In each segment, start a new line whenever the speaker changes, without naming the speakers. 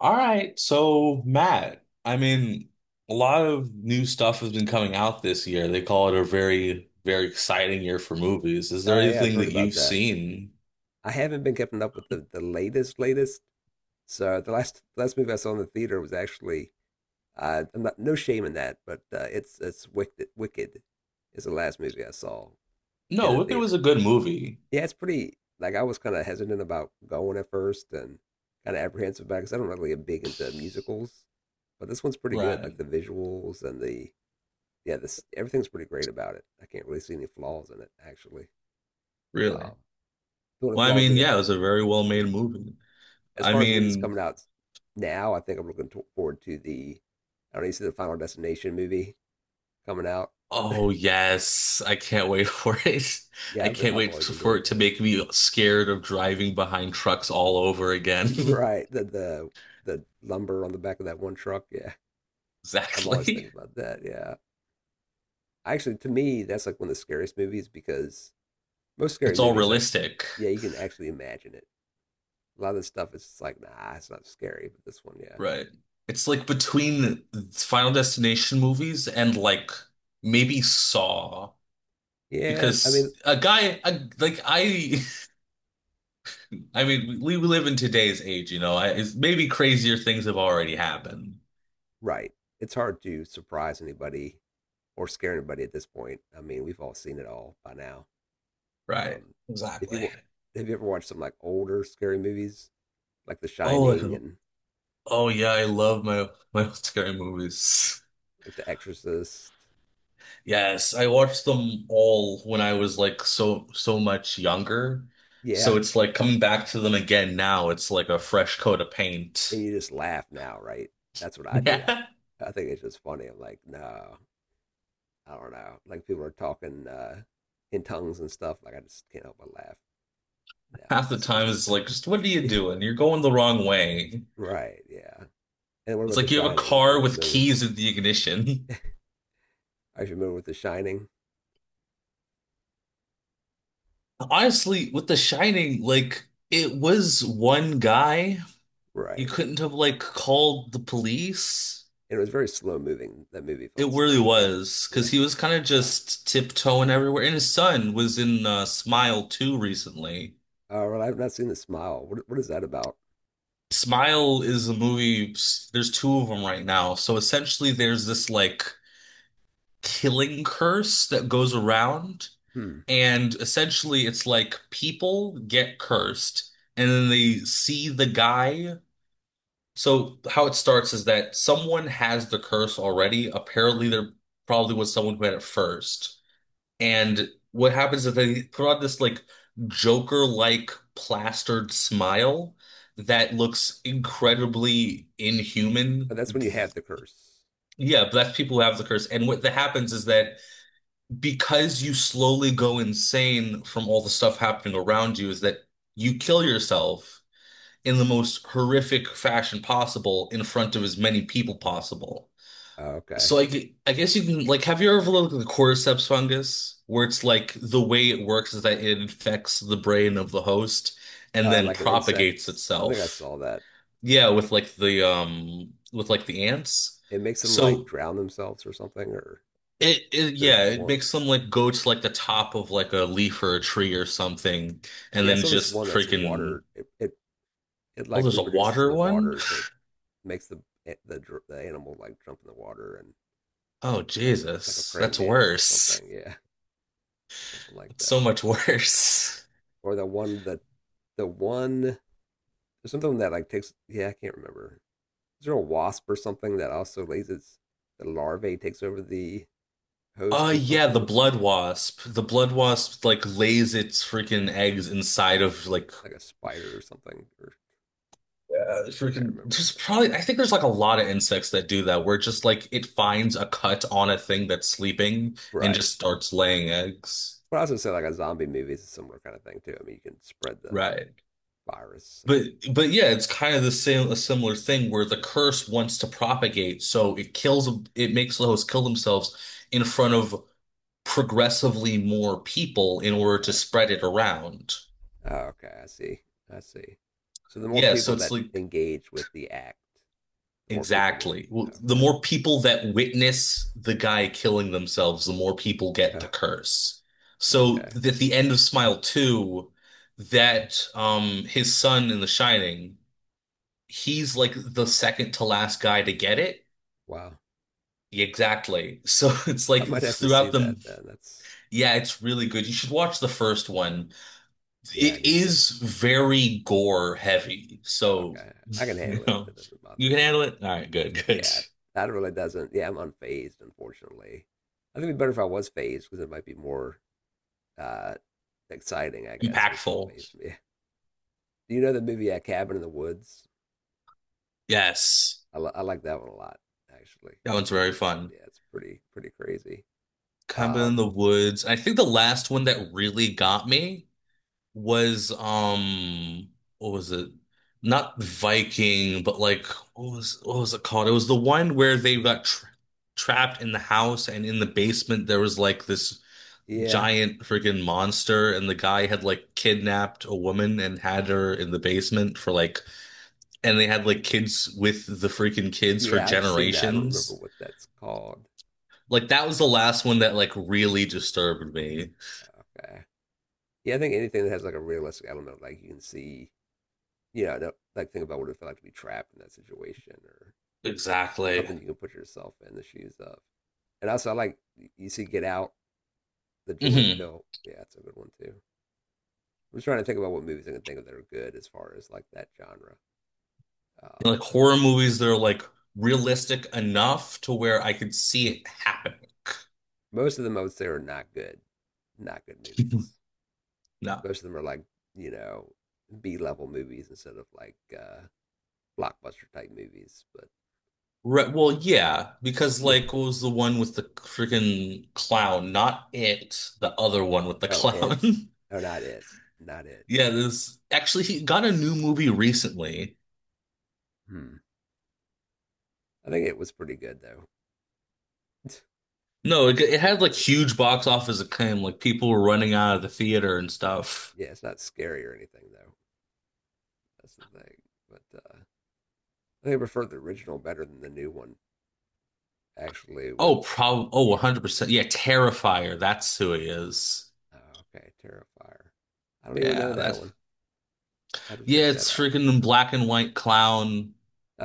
All right, so Matt, I mean, a lot of new stuff has been coming out this year. They call it a very, very exciting year for movies. Is there
Oh yeah, I've
anything
heard
that
about
you've
that.
seen?
I haven't been keeping up with the latest. So the last movie I saw in the theater was actually I'm not no shame in that, but it's Wicked. Wicked is the last movie I saw in
No,
the
Wicked was a
theater.
good movie.
Yeah, it's pretty. Like I was kind of hesitant about going at first and kind of apprehensive about because I'm not really big into musicals, but this one's pretty good.
Right,
Like the visuals and the yeah, this everything's pretty great about it. I can't really see any flaws in it actually.
really.
Um, the only
Well, I
flaw would be
mean,
that
yeah, it
it's
was a very well-made movie.
as
I
far as movies
mean,
coming out now, I think I'm looking forward to the I don't know, you see the Final Destination movie coming out.
oh yes, I can't wait for it. I
Yeah, but
can't
I've
wait
always
for
enjoyed
it to make
those.
me scared of driving behind trucks all over again.
Right, the the lumber on the back of that one truck. Yeah, I'm always
Exactly.
thinking about that. Yeah, actually, to me, that's like one of the scariest movies because most scary
It's all
movies, like,
realistic.
yeah, you can actually imagine it. A lot of the stuff is just like, nah, it's not scary, but this one, yeah,
Right. It's like between Final Destination movies and like maybe Saw
yeah. I mean,
because like I I mean we live in today's age, it's maybe crazier things have already happened.
right, it's hard to surprise anybody or scare anybody at this point. I mean, we've all seen it all by now.
Right.
Um, if
Exactly.
you have you ever watched some like older scary movies, like The
Oh, like
Shining and
oh yeah, I love my old scary movies.
like The Exorcist,
Yes, I watched them all when I was like so so much younger.
yeah,
So it's like coming back to them again now, it's like a fresh coat of paint.
and you just laugh now, right? That's what I do.
Yeah.
I think it's just funny. I'm like, no, I don't know. Like people are talking in tongues and stuff. Like I just can't help but laugh now if
Half
I
the
see this
time it's
possession.
like, just what are you doing? You're going the wrong way.
right? Yeah. And what
It's
about The
like you have a
Shining? Are you
car with
familiar?
keys in the ignition.
Are you familiar with The Shining?
Honestly, with The Shining, like it was one guy. You
Right.
couldn't have like called the police.
It was very slow moving. That movie
It
felt slow
really
to me.
was
Yeah.
because he was kind of just tiptoeing everywhere. And his son was in Smile 2 recently.
Oh, well, I've not seen the smile. What is that about?
Smile is a movie, there's two of them right now. So essentially, there's this like killing curse that goes around.
Hmm.
And essentially, it's like people get cursed and then they see the guy. So, how it starts is that someone has the curse already. Apparently, there probably was someone who had it first. And what happens is they throw out this like Joker-like plastered smile that looks incredibly
Oh,
inhuman.
that's when you have the curse.
Yeah, but that's people who have the curse. And what that happens is that because you slowly go insane from all the stuff happening around you is that you kill yourself in the most horrific fashion possible in front of as many people possible.
Oh, okay.
So I, I guess you can like have you ever looked at the cordyceps fungus where it's like the way it works is that it infects the brain of the host and then
Like an
propagates
insects. I think I
itself.
saw that.
Yeah, with like the ants.
It makes them like
So
drown themselves or something. Or
it
there's
yeah, it
one.
makes them like go to like the top of like a leaf or a tree or something, and
Yeah, I
then
saw this
just
one that's
freaking
water. It
oh,
like
there's a
reproduces in
water
the
one?
water, so it makes the the the animal like jump in the water and
Oh
or like a
Jesus,
praying
that's
mantis or
worse.
something. Yeah, something like
That's
that.
so much worse.
Or the one there's something that like takes. Yeah, I can't remember. Is there a wasp or something that also lays its the larvae takes over the host or
Yeah, the
something?
blood
Yeah,
wasp. The blood
something like
wasp
that,
like lays its freaking eggs inside of like
like a spider or something. Or I can't
freaking
remember,
there's
but
probably I think there's like a lot of insects that do that where just like it finds a cut on a thing that's sleeping and
right.
just starts laying eggs.
But I also say like a zombie movie is a similar kind of thing too. I mean, you can spread the
Right.
virus. And it,
But yeah, it's kind of the same a similar thing where the curse wants to propagate, so it makes the host kill themselves in front of progressively more people in
oh,
order to
okay,
spread it around.
oh, okay, I see, I see. So the more
Yeah, so
people
it's
that
like
engage with the act, the more people get.
exactly. Well, the
Okay,
more people that witness the guy killing themselves, the more people get the
oh,
curse. So
okay,
at the end of Smile 2, that his son in The Shining, he's like the second to last guy to get it.
wow.
Exactly. So it's
I
like
might have to see
throughout them,
that then. That's
yeah, it's really good. You should watch the first one.
yeah, I
It
need to.
is very gore heavy.
Oh,
So,
okay, I can
you
handle it.
know,
It doesn't bother
you
me
can
too
handle
much.
it. All right, good, good.
Yeah, that really doesn't. Yeah, I'm unfazed, unfortunately. I think it'd be better if I was phased because it might be more uh, exciting, I guess, if it still
Impactful.
phased me. Do you know the movie Cabin in the Woods?
Yes.
I I like that one a lot, actually.
That one's very fun.
Yeah, it's pretty crazy.
Cabin in
Um,
the Woods. I think the last one that really got me was what was it? Not Viking, but like what was it called? It was the one where they got trapped in the house and in the basement there was like this
yeah,
giant freaking monster and the guy had like kidnapped a woman and had her in the basement for like and they had like kids with the freaking kids for
yeah, I've seen that. I don't remember
generations.
what that's called.
Like that was the last one that like really disturbed me.
Okay. Yeah, I think anything that has like a realistic element, like you can see, you know, no- like think about what it felt like to be trapped in that situation, or
Exactly.
something you can put yourself in the shoes of. And also, I like you see Get Out, the Jordan
Mhm.
Pill. Yeah, that's a good one too. I'm just trying to think about what movies I can think of that are good as far as like that genre. Um,
Like horror movies that are like realistic enough to where I could see it happening.
Most of them, I would say, are not good movies.
No.
Most of them are like you know B level movies instead of like blockbuster type movies. But
Right, well, yeah, because like what was the one with the freaking clown? Not it, the other one with the
oh, it,
clown.
oh, not it, not it.
Yeah, this actually he got a new movie recently.
Hmm. I think it was pretty good though.
No,
it,
it
it
had
was
like
pretty good.
huge box office acclaim. Like people were running out of the theater and stuff.
Yeah, it's not scary or anything though. That's the thing. But I think I preferred the original better than the new one. Actually, with
Oh,
the,
probably. Oh,
yeah.
100%. Yeah, Terrifier. That's who he is.
Oh, okay, Terrifier. I don't even know
Yeah,
that
that's
one. I have to
yeah,
check that
it's
out.
freaking
Yeah.
black and white clown.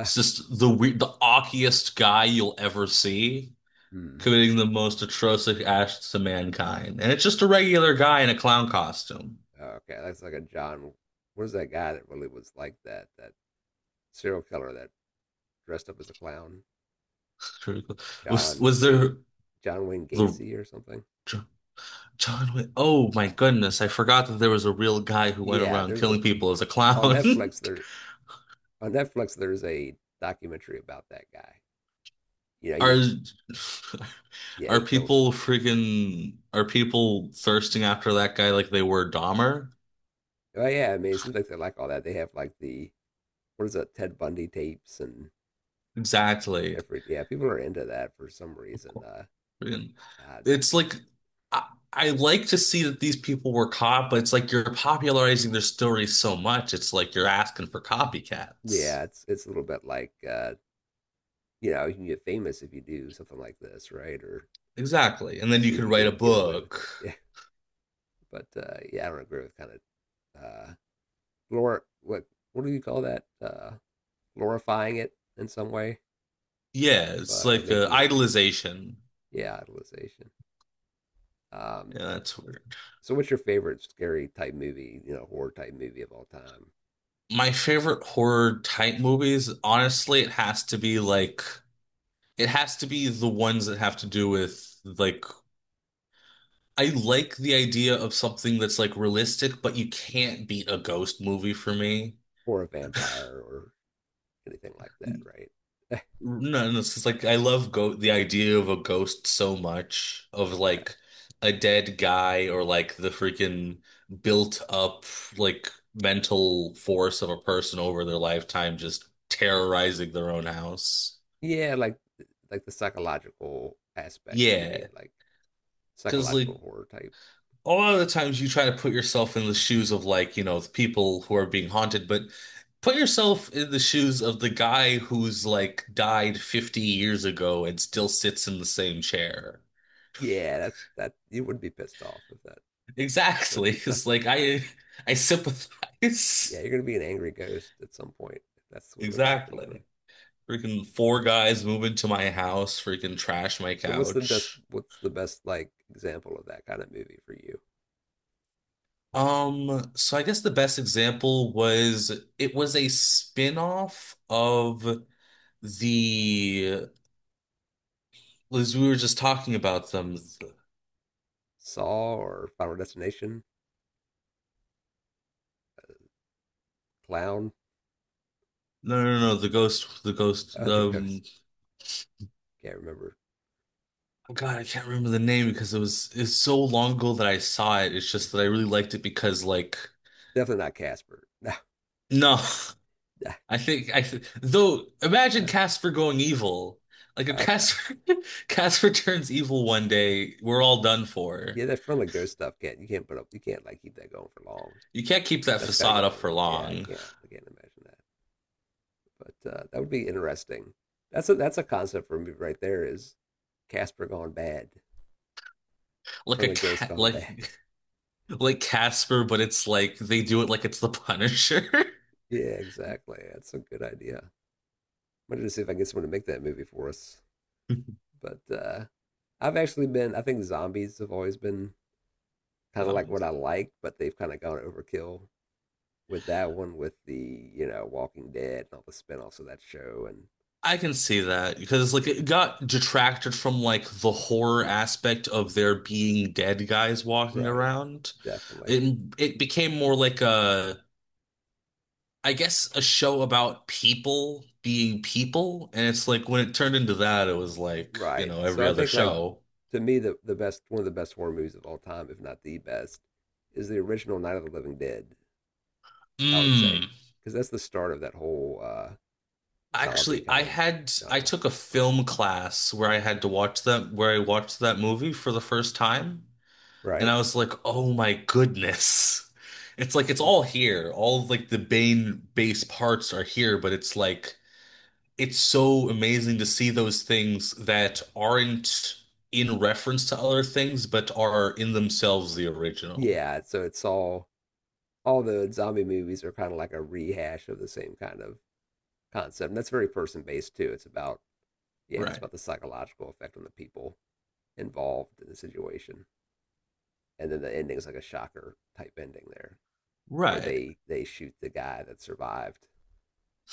It's just the weird, the awkiest guy you'll ever see,
hmm.
committing the most atrocious acts to mankind. And it's just a regular guy in a clown costume.
Okay, that's like a John. What is that guy that really was like that? That serial killer that dressed up as a clown,
It's really cool. Was
John
was
Gate,
there
John Wayne
the
Gacy or something.
Jo- John Wick? Oh my goodness, I forgot that there was a real guy who went
Yeah,
around
there's a
killing people as a
on
clown.
Netflix. There on Netflix there's a documentary about that guy. You know,
Are
he's yeah
are
he killed
people freaking are people thirsting after that guy like they were Dahmer?
Oh yeah, I mean, it seems like they like all that. They have like the what is that Ted Bundy tapes and
Exactly.
different. Yeah, people are into that for some reason.
And
Uh
it's like I, I like to see that these people were caught, but it's like you're popularizing their stories so much. It's like you're asking for copycats.
yeah, it's a little bit like you know, you can get famous if you do something like this, right? Or
Exactly. And then you
see if
could
you
write a
can get away with
book.
it. Yeah, but yeah, I don't agree with kind of glor what do you call that? Glorifying it in some way,
Yeah, it's
but or
like a
making it
idolization.
yeah, idolization. Um,
Yeah, that's weird.
so what's your favorite scary type movie? You know, horror type movie of all time?
My favorite horror type movies, honestly, it has to be like it has to be the ones that have to do with like I like the idea of something that's like realistic, but you can't beat a ghost movie for me.
For a vampire or anything like that, right?
No, no, it's just like I love go the idea of a ghost so much of
Okay.
like a dead guy or like the freaking built up like mental force of a person over their lifetime just terrorizing their own house.
Yeah, like the psychological aspect. You mean
Yeah,
like
because like
psychological horror type?
a lot of the times you try to put yourself in the shoes of like, you know, the people who are being haunted, but put yourself in the shoes of the guy who's like died 50 years ago and still sits in the same chair.
Yeah, that's that. You would be pissed off if that. It would
Exactly.
be
It's
tough to.
like
Be.
I
Yeah,
sympathize.
you're gonna be an angry ghost at some point. If that's what your life you're living.
Exactly. Freaking four guys move into my house, freaking trash my
So what's the best?
couch.
What's the best like example of that kind of movie for you?
So I guess the best example was it was a spin-off of the as we were just talking about them.
Saw or Final Destination? Clown?
No, no, no, the ghost, the ghost,
Oh, the
the
ghost. Can't remember.
oh God, I can't remember the name because it's so long ago that I saw it. It's just that I really liked it because like
Definitely not Casper. No.
no. I think I th though imagine Casper going evil. Like if
okay.
Casper Casper turns evil one day, we're all done
Yeah,
for.
that front of ghost stuff can't you can't put up you can't like keep that going for long.
You can't keep that
That's got to
facade
get
up
old.
for
Yeah, I
long.
can't. I can't imagine that. But that would be interesting. That's a concept for me right there. Is Casper gone bad?
Like a
Front of ghost
cat
gone
like
bad?
like Casper, but it's like they do it like it's the Punisher.
Yeah, exactly. That's a good idea. I'm gonna see if I can get someone to make that movie for us. But I've actually been. I think zombies have always been kind of like
Um,
what I like, but they've kind of gone overkill with that one, with the you know Walking Dead and all the spin-offs of that show, and
I can see that because like
yeah,
it got detracted from like the horror aspect of there being dead guys walking
right.
around.
Definitely.
It became more like a I guess a show about people being people. And it's like when it turned into that, it was like, you
Right.
know,
So
every
I
other
think like
show.
to me the best one of the best horror movies of all time, if not the best, is the original Night of the Living Dead, I would say.
Mm.
Because that's the start of that whole zombie
Actually,
kind of
I
genre.
took a film class where I had to watch that where I watched that movie for the first time, and
Right?
I was like, "Oh my goodness." It's like it's
Oh,
all here. All of like the main base parts are here, but it's like it's so amazing to see those things that aren't in reference to other things, but are in themselves the original.
yeah, so it's all the zombie movies are kind of like a rehash of the same kind of concept. And that's very person based too. It's about yeah, it's
Right.
about the psychological effect on the people involved in the situation. And then the ending's like a shocker type ending there, where
Right.
they shoot the guy that survived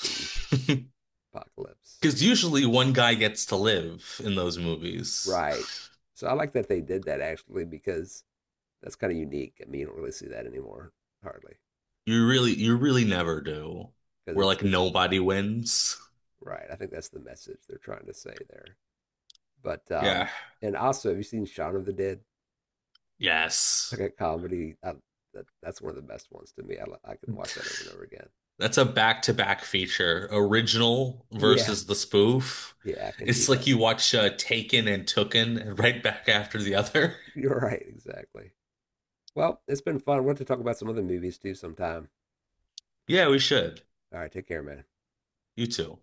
the apocalypse.
Because usually one guy gets to live in those movies.
Right. So I like that they did that actually because that's kind of unique. I mean, you don't really see that anymore hardly
You really never do.
because
Where
it's
like
it's
nobody wins.
right. I think that's the message they're trying to say there. But
Yeah.
and also, have you seen Shaun of the Dead? It's
Yes.
like a comedy. I, that that's one of the best ones to me. I can watch that over and over again.
That's a back-to-back feature, original
Yeah,
versus the spoof.
yeah, I can do
It's
that.
like you watch Taken and Tooken right back after the other.
You're right, exactly. Well, it's been fun. We'll have to talk about some other movies too sometime.
Yeah, we should.
All right, take care, man.
You too.